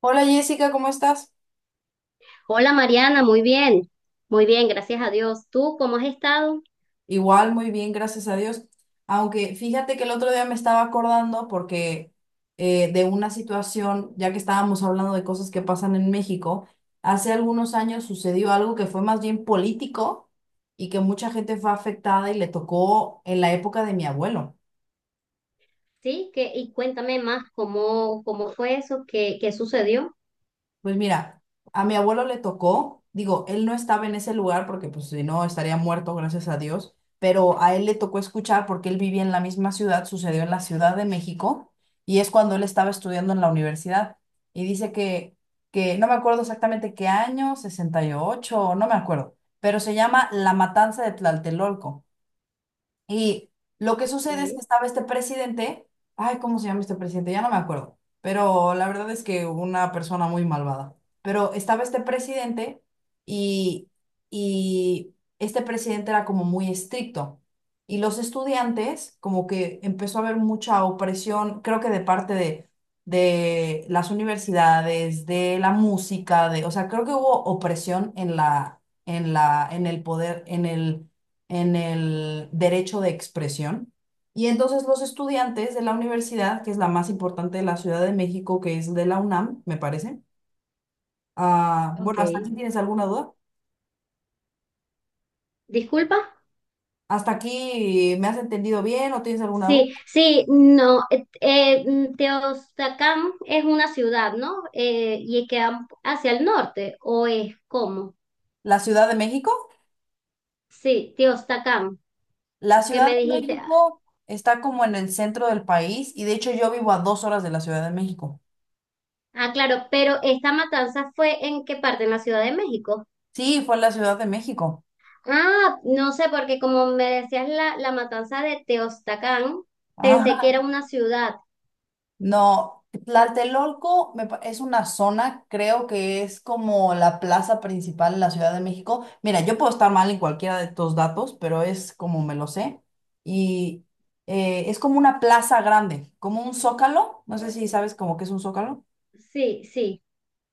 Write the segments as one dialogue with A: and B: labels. A: Hola Jessica, ¿cómo estás?
B: Hola Mariana, muy bien, gracias a Dios. ¿Tú cómo has estado?
A: Igual, muy bien, gracias a Dios. Aunque fíjate que el otro día me estaba acordando porque de una situación, ya que estábamos hablando de cosas que pasan en México, hace algunos años sucedió algo que fue más bien político y que mucha gente fue afectada y le tocó en la época de mi abuelo.
B: Y cuéntame más cómo fue eso, qué sucedió.
A: Pues mira, a mi abuelo le tocó, digo, él no estaba en ese lugar porque pues si no estaría muerto, gracias a Dios, pero a él le tocó escuchar porque él vivía en la misma ciudad, sucedió en la Ciudad de México y es cuando él estaba estudiando en la universidad y dice que no me acuerdo exactamente qué año, 68, no me acuerdo, pero se llama La Matanza de Tlaltelolco. Y lo que sucede es que
B: Ok,
A: estaba este presidente, ay, ¿cómo se llama este presidente? Ya no me acuerdo, pero la verdad es que una persona muy malvada. Pero estaba este presidente y, y este presidente era como muy estricto. Y los estudiantes, como que empezó a haber mucha opresión, creo que de parte de las universidades, de la música, o sea, creo que hubo opresión en el poder, en el derecho de expresión. Y entonces los estudiantes de la universidad, que es la más importante de la Ciudad de México, que es de la UNAM, me parece. Ah,
B: ok.
A: bueno, ¿hasta aquí tienes alguna duda?
B: Disculpa.
A: ¿Hasta aquí me has entendido bien o tienes alguna duda?
B: Sí, sí, no, Teotihuacán es una ciudad, ¿no? ¿Y queda hacia el norte, o es cómo?
A: ¿La Ciudad de México?
B: Sí, Teotihuacán,
A: La
B: que
A: Ciudad
B: me
A: de
B: dijiste.
A: México está como en el centro del país y de hecho yo vivo a 2 horas de la Ciudad de México.
B: Ah, claro, pero ¿esta matanza fue en qué parte? En la Ciudad de México.
A: Sí, fue en la Ciudad de México.
B: Ah, no sé, porque como me decías la matanza de Teostacán, pensé
A: Ah,
B: que era una ciudad.
A: no, Tlatelolco es una zona, creo que es como la plaza principal en la Ciudad de México. Mira, yo puedo estar mal en cualquiera de estos datos, pero es como me lo sé. Y es como una plaza grande, como un zócalo. No sé si sabes como que es un zócalo.
B: Sí, sí,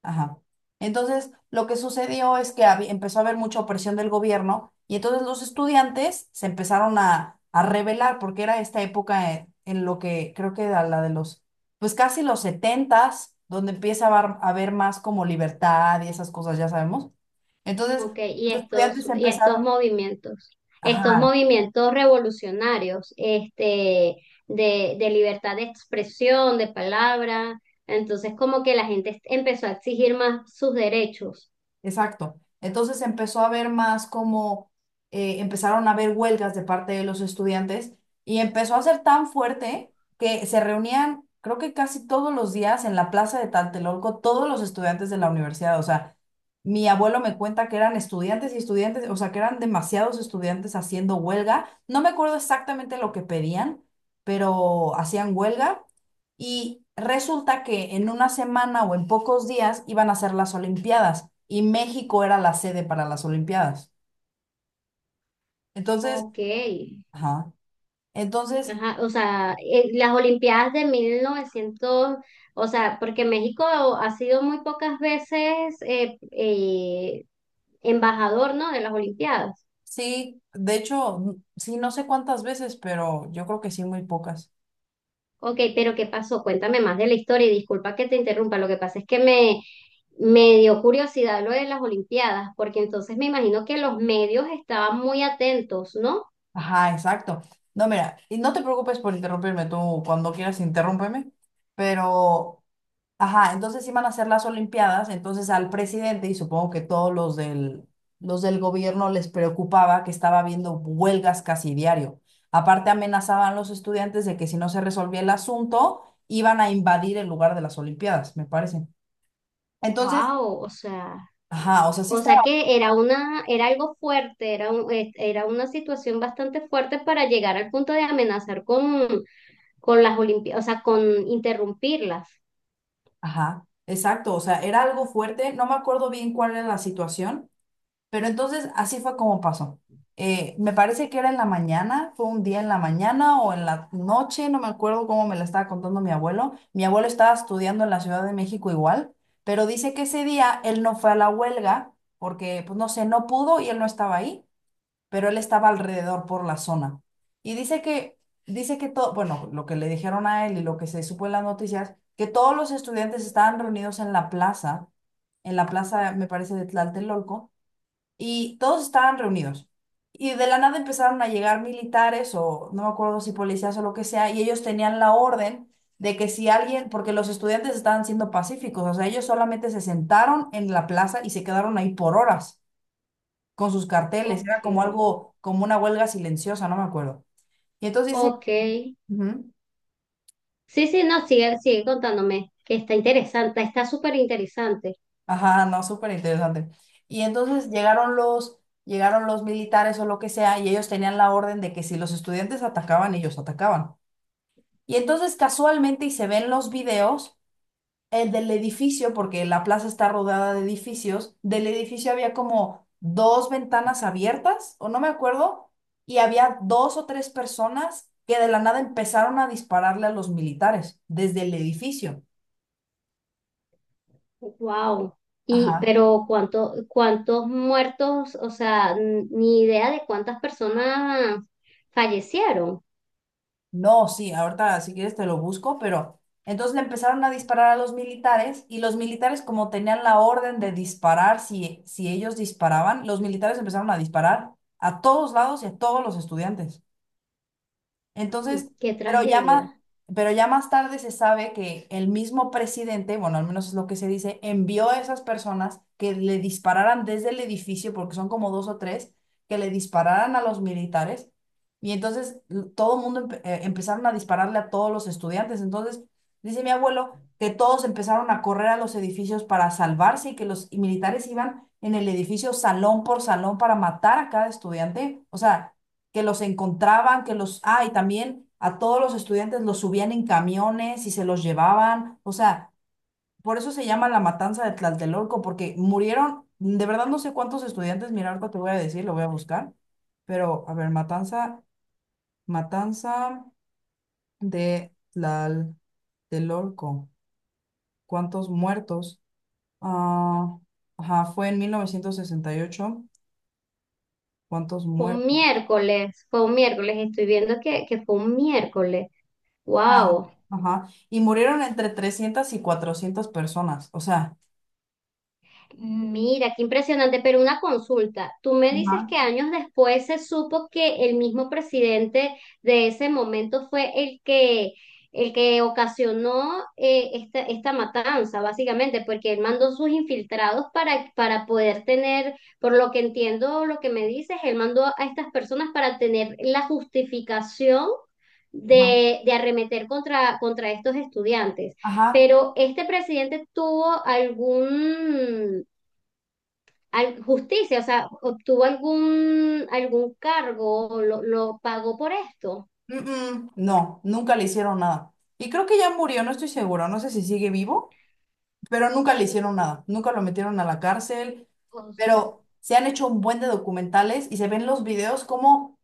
A: Ajá. Entonces, lo que sucedió es que empezó a haber mucha opresión del gobierno y entonces los estudiantes se empezaron a rebelar porque era esta época en lo que creo que era la de los, pues casi los setentas, donde empieza a haber, más como libertad y esas cosas, ya sabemos. Entonces,
B: ok. Y
A: los
B: estos,
A: estudiantes
B: y
A: empezaron,
B: estos
A: ajá,
B: movimientos revolucionarios, este, de libertad de expresión, de palabra. Entonces, como que la gente empezó a exigir más sus derechos.
A: exacto. Entonces empezó a haber más como empezaron a haber huelgas de parte de los estudiantes y empezó a ser tan fuerte que se reunían, creo que casi todos los días en la plaza de Tlatelolco, todos los estudiantes de la universidad. O sea, mi abuelo me cuenta que eran estudiantes y estudiantes, o sea, que eran demasiados estudiantes haciendo huelga. No me acuerdo exactamente lo que pedían, pero hacían huelga y resulta que en una semana o en pocos días iban a ser las Olimpiadas y México era la sede para las Olimpiadas. Entonces,
B: Ok.
A: ajá. Entonces,
B: Ajá, o sea, las Olimpiadas de mil novecientos, o sea, porque México ha sido muy pocas veces embajador, ¿no? De las Olimpiadas.
A: sí, de hecho, sí, no sé cuántas veces, pero yo creo que sí, muy pocas.
B: Ok, pero ¿qué pasó? Cuéntame más de la historia y disculpa que te interrumpa. Lo que pasa es que me dio curiosidad lo de las Olimpiadas, porque entonces me imagino que los medios estaban muy atentos, ¿no?
A: Ajá, exacto. No, mira, y no te preocupes por interrumpirme tú, cuando quieras interrúmpeme, pero, ajá, entonces iban a hacer las Olimpiadas, entonces al presidente y supongo que todos los del gobierno les preocupaba que estaba habiendo huelgas casi diario. Aparte amenazaban a los estudiantes de que si no se resolvía el asunto, iban a invadir el lugar de las Olimpiadas, me parece. Entonces,
B: Wow, o sea.
A: ajá, o sea, sí
B: O sea
A: estaba,
B: que era una, era algo fuerte, era un- era una situación bastante fuerte para llegar al punto de amenazar con las Olimpiadas, o sea, con interrumpirlas.
A: ajá, exacto, o sea, era algo fuerte, no me acuerdo bien cuál era la situación. Pero entonces así fue como pasó. Me parece que era en la mañana, fue un día en la mañana o en la noche, no me acuerdo cómo me la estaba contando mi abuelo. Mi abuelo estaba estudiando en la Ciudad de México igual, pero dice que ese día él no fue a la huelga porque, pues no sé, no pudo y él no estaba ahí, pero él estaba alrededor por la zona. Y dice dice que todo, bueno, lo que le dijeron a él y lo que se supo en las noticias, que todos los estudiantes estaban reunidos en la plaza, me parece, de Tlatelolco y todos estaban reunidos. Y de la nada empezaron a llegar militares o no me acuerdo si policías o lo que sea, y ellos tenían la orden de que si alguien, porque los estudiantes estaban siendo pacíficos, o sea, ellos solamente se sentaron en la plaza y se quedaron ahí por horas con sus carteles, era
B: Ok,
A: como algo, como una huelga silenciosa, no me acuerdo. Y entonces dice,
B: ok.
A: ujú,
B: Sí, sí, no, sigue, sigue contándome, que está interesante, está súper interesante.
A: ajá, no, súper interesante. Y entonces llegaron llegaron los militares o lo que sea, y ellos tenían la orden de que si los estudiantes atacaban, ellos atacaban. Y entonces casualmente, y se ven los videos, el del edificio, porque la plaza está rodeada de edificios, del edificio había como dos ventanas abiertas, o no me acuerdo, y había dos o tres personas que de la nada empezaron a dispararle a los militares desde el edificio.
B: Wow. Y
A: Ajá.
B: pero cuánto, ¿cuántos muertos? O sea, n- ni idea de cuántas personas fallecieron.
A: No, sí, ahorita si quieres te lo busco, pero entonces le empezaron a disparar a los militares y los militares como tenían la orden de disparar si ellos disparaban, los militares empezaron a disparar a todos lados y a todos los estudiantes. Entonces,
B: Qué
A: pero ya más,
B: tragedia.
A: pero ya más tarde se sabe que el mismo presidente, bueno, al menos es lo que se dice, envió a esas personas que le dispararan desde el edificio, porque son como dos o tres, que le dispararan a los militares. Y entonces l- todo el mundo empe- empezaron a dispararle a todos los estudiantes. Entonces, dice mi abuelo que todos empezaron a correr a los edificios para salvarse y que los militares iban en el edificio salón por salón para matar a cada estudiante. O sea, que los encontraban, que los, ah, y también a todos los estudiantes los subían en camiones y se los llevaban, o sea, por eso se llama la matanza de Tlatelolco, porque murieron, de verdad no sé cuántos estudiantes, mira, ahorita te voy a decir, lo voy a buscar, pero a ver, matanza, matanza de Tlatelolco, ¿cuántos muertos? Ah, ajá, fue en 1968, ¿cuántos muertos?
B: Fue un miércoles, estoy viendo que fue un miércoles.
A: Ah,
B: Wow.
A: ajá. Y murieron entre 300 y 400 personas. O sea,
B: Mira, qué impresionante, pero una consulta. Tú me dices
A: ajá,
B: que años después se supo que el mismo presidente de ese momento fue el que ocasionó esta, esta matanza, básicamente, porque él mandó sus infiltrados para poder tener, por lo que entiendo, lo que me dices, él mandó a estas personas para tener la justificación
A: ajá,
B: de arremeter contra, contra estos estudiantes.
A: ajá.
B: Pero este presidente tuvo algún, al- justicia, o sea, ¿obtuvo algún, algún cargo, o lo pagó por esto?
A: Mm, mm, no, nunca le hicieron nada. Y creo que ya murió, no estoy seguro, no sé si sigue vivo, pero nunca le hicieron nada. Nunca lo metieron a la cárcel,
B: O sea,
A: pero se han hecho un buen de documentales y se ven los videos como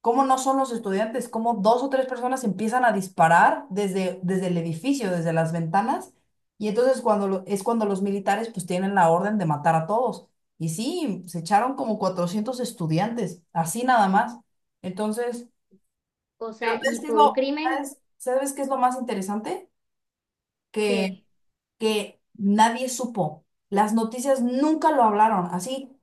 A: cómo no son los estudiantes, cómo dos o tres personas empiezan a disparar desde, desde el edificio, desde las ventanas, y entonces es cuando los militares pues tienen la orden de matar a todos. Y sí, se echaron como 400 estudiantes, así nada más. Entonces,
B: o
A: pero
B: sea,
A: ¿sabes
B: y
A: qué es
B: fue un
A: lo,
B: crimen
A: sabes, sabes qué es lo más interesante? Que,
B: que,
A: que nadie supo. Las noticias nunca lo hablaron, así.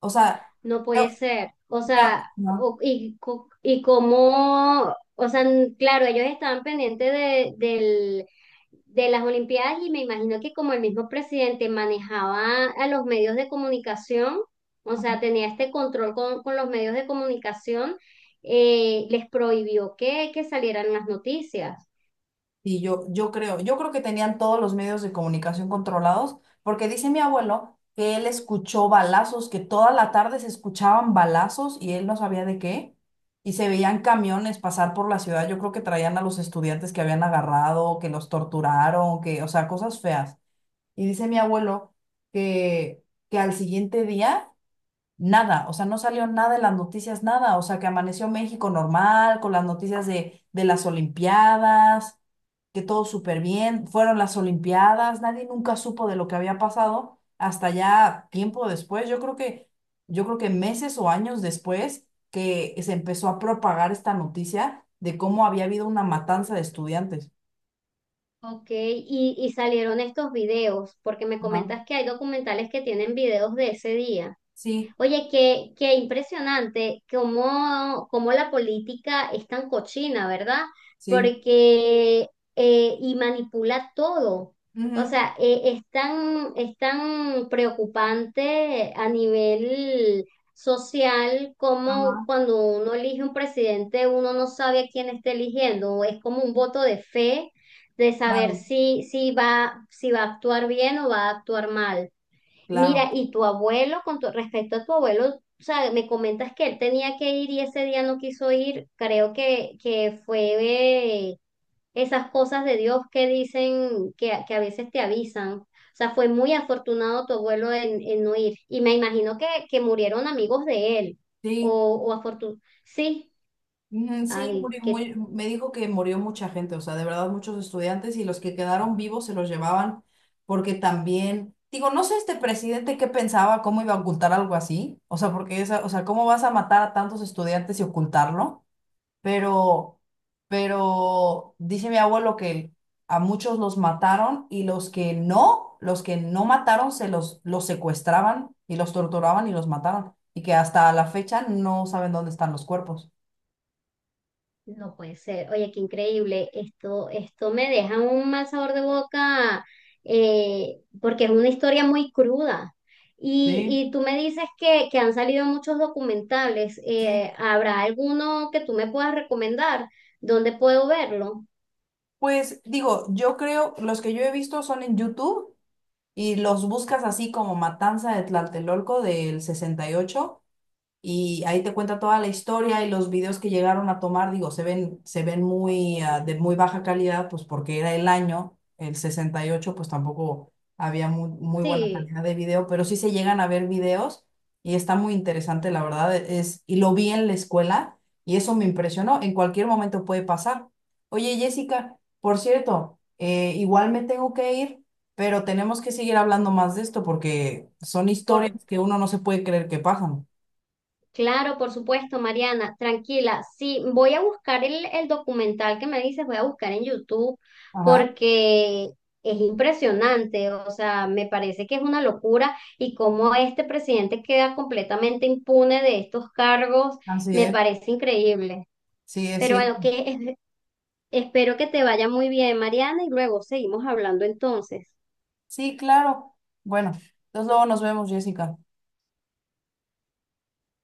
A: O sea,
B: no
A: yo,
B: puede ser. O
A: mi,
B: sea,
A: ¿no?
B: o- y, co- y cómo, o sea, n- claro, ellos estaban pendientes del, de las Olimpiadas y me imagino que como el mismo presidente manejaba a los medios de comunicación, o sea, tenía este control con los medios de comunicación, les prohibió que salieran las noticias.
A: Y yo creo que tenían todos los medios de comunicación controlados, porque dice mi abuelo que él escuchó balazos, que toda la tarde se escuchaban balazos y él no sabía de qué, y se veían camiones pasar por la ciudad. Yo creo que traían a los estudiantes que habían agarrado, que los torturaron, que, o sea, cosas feas. Y dice mi abuelo que, que al siguiente día nada, o sea, no salió nada en las noticias, nada, o sea, que amaneció México normal, con las noticias de las Olimpiadas, que todo súper bien, fueron las Olimpiadas, nadie nunca supo de lo que había pasado hasta ya tiempo después, yo creo que meses o años después que se empezó a propagar esta noticia de cómo había habido una matanza de estudiantes.
B: Ok, y, ¿y salieron estos videos? Porque me
A: Ajá.
B: comentas que hay documentales que tienen videos de ese día.
A: Sí,
B: Oye, qué, qué impresionante cómo, cómo la política es tan cochina, ¿verdad?
A: sí.
B: Porque y manipula todo. O
A: Ujú,
B: sea, es tan preocupante a nivel social como
A: ajá,
B: cuando uno elige un presidente, uno no sabe a quién está eligiendo. Es como un voto de fe de saber
A: claro,
B: si, si va, si va a actuar bien o va a actuar mal.
A: claro.
B: Mira, y tu abuelo, con tu- respecto a tu abuelo, o sea, me comentas que él tenía que ir y ese día no quiso ir. Creo que fue eh, esas cosas de Dios que dicen que a veces te avisan. O sea, fue muy afortunado tu abuelo en no ir. Y me imagino que murieron amigos de él. O,
A: Sí.
B: o afortun- sí,
A: Ujú, sí,
B: ay, qué
A: me dijo que murió mucha gente, o sea, de verdad muchos estudiantes y los que quedaron vivos se los llevaban porque también, digo, no sé este presidente qué pensaba, cómo iba a ocultar algo así, o sea, porque esa, o sea, cómo vas a matar a tantos estudiantes y ocultarlo, pero, pero dice mi abuelo que a muchos los mataron y los que no mataron se los secuestraban y los torturaban y los mataron y que hasta la fecha no saben dónde están los cuerpos.
B: no puede ser. Oye, qué increíble. Esto me deja un mal sabor de boca, porque es una historia muy cruda.
A: Sí,
B: Y tú me dices que han salido muchos documentales.
A: sí,
B: ¿Habrá alguno que tú me puedas recomendar? ¿Dónde puedo verlo?
A: pues digo, yo creo, los que yo he visto son en YouTube y los buscas así como Matanza de Tlatelolco del 68 y ahí te cuenta toda la historia y los videos que llegaron a tomar, digo, se ven muy, ah, de muy baja calidad, pues porque era el año, el 68 pues tampoco había muy, muy buena
B: Sí,
A: calidad de video, pero sí se llegan a ver videos y está muy interesante, la verdad, e, es, y lo vi en la escuela y eso me impresionó, en cualquier momento puede pasar. Oye, Jessica, por cierto, igual me tengo que ir, pero tenemos que seguir hablando más de esto porque son historias
B: por,
A: que uno no se puede creer que pasan.
B: claro, por supuesto, Mariana, tranquila. Sí, voy a buscar el documental que me dices, voy a buscar en YouTube
A: Ajá.
B: porque es impresionante, o sea, me parece que es una locura y cómo este presidente queda completamente impune de estos cargos,
A: Así
B: me
A: es,
B: parece increíble.
A: sí, es
B: Pero
A: cierto.
B: bueno, que es- espero que te vaya muy bien, Mariana, y luego seguimos hablando entonces.
A: Sí, claro. Bueno, entonces luego nos vemos, Jessica.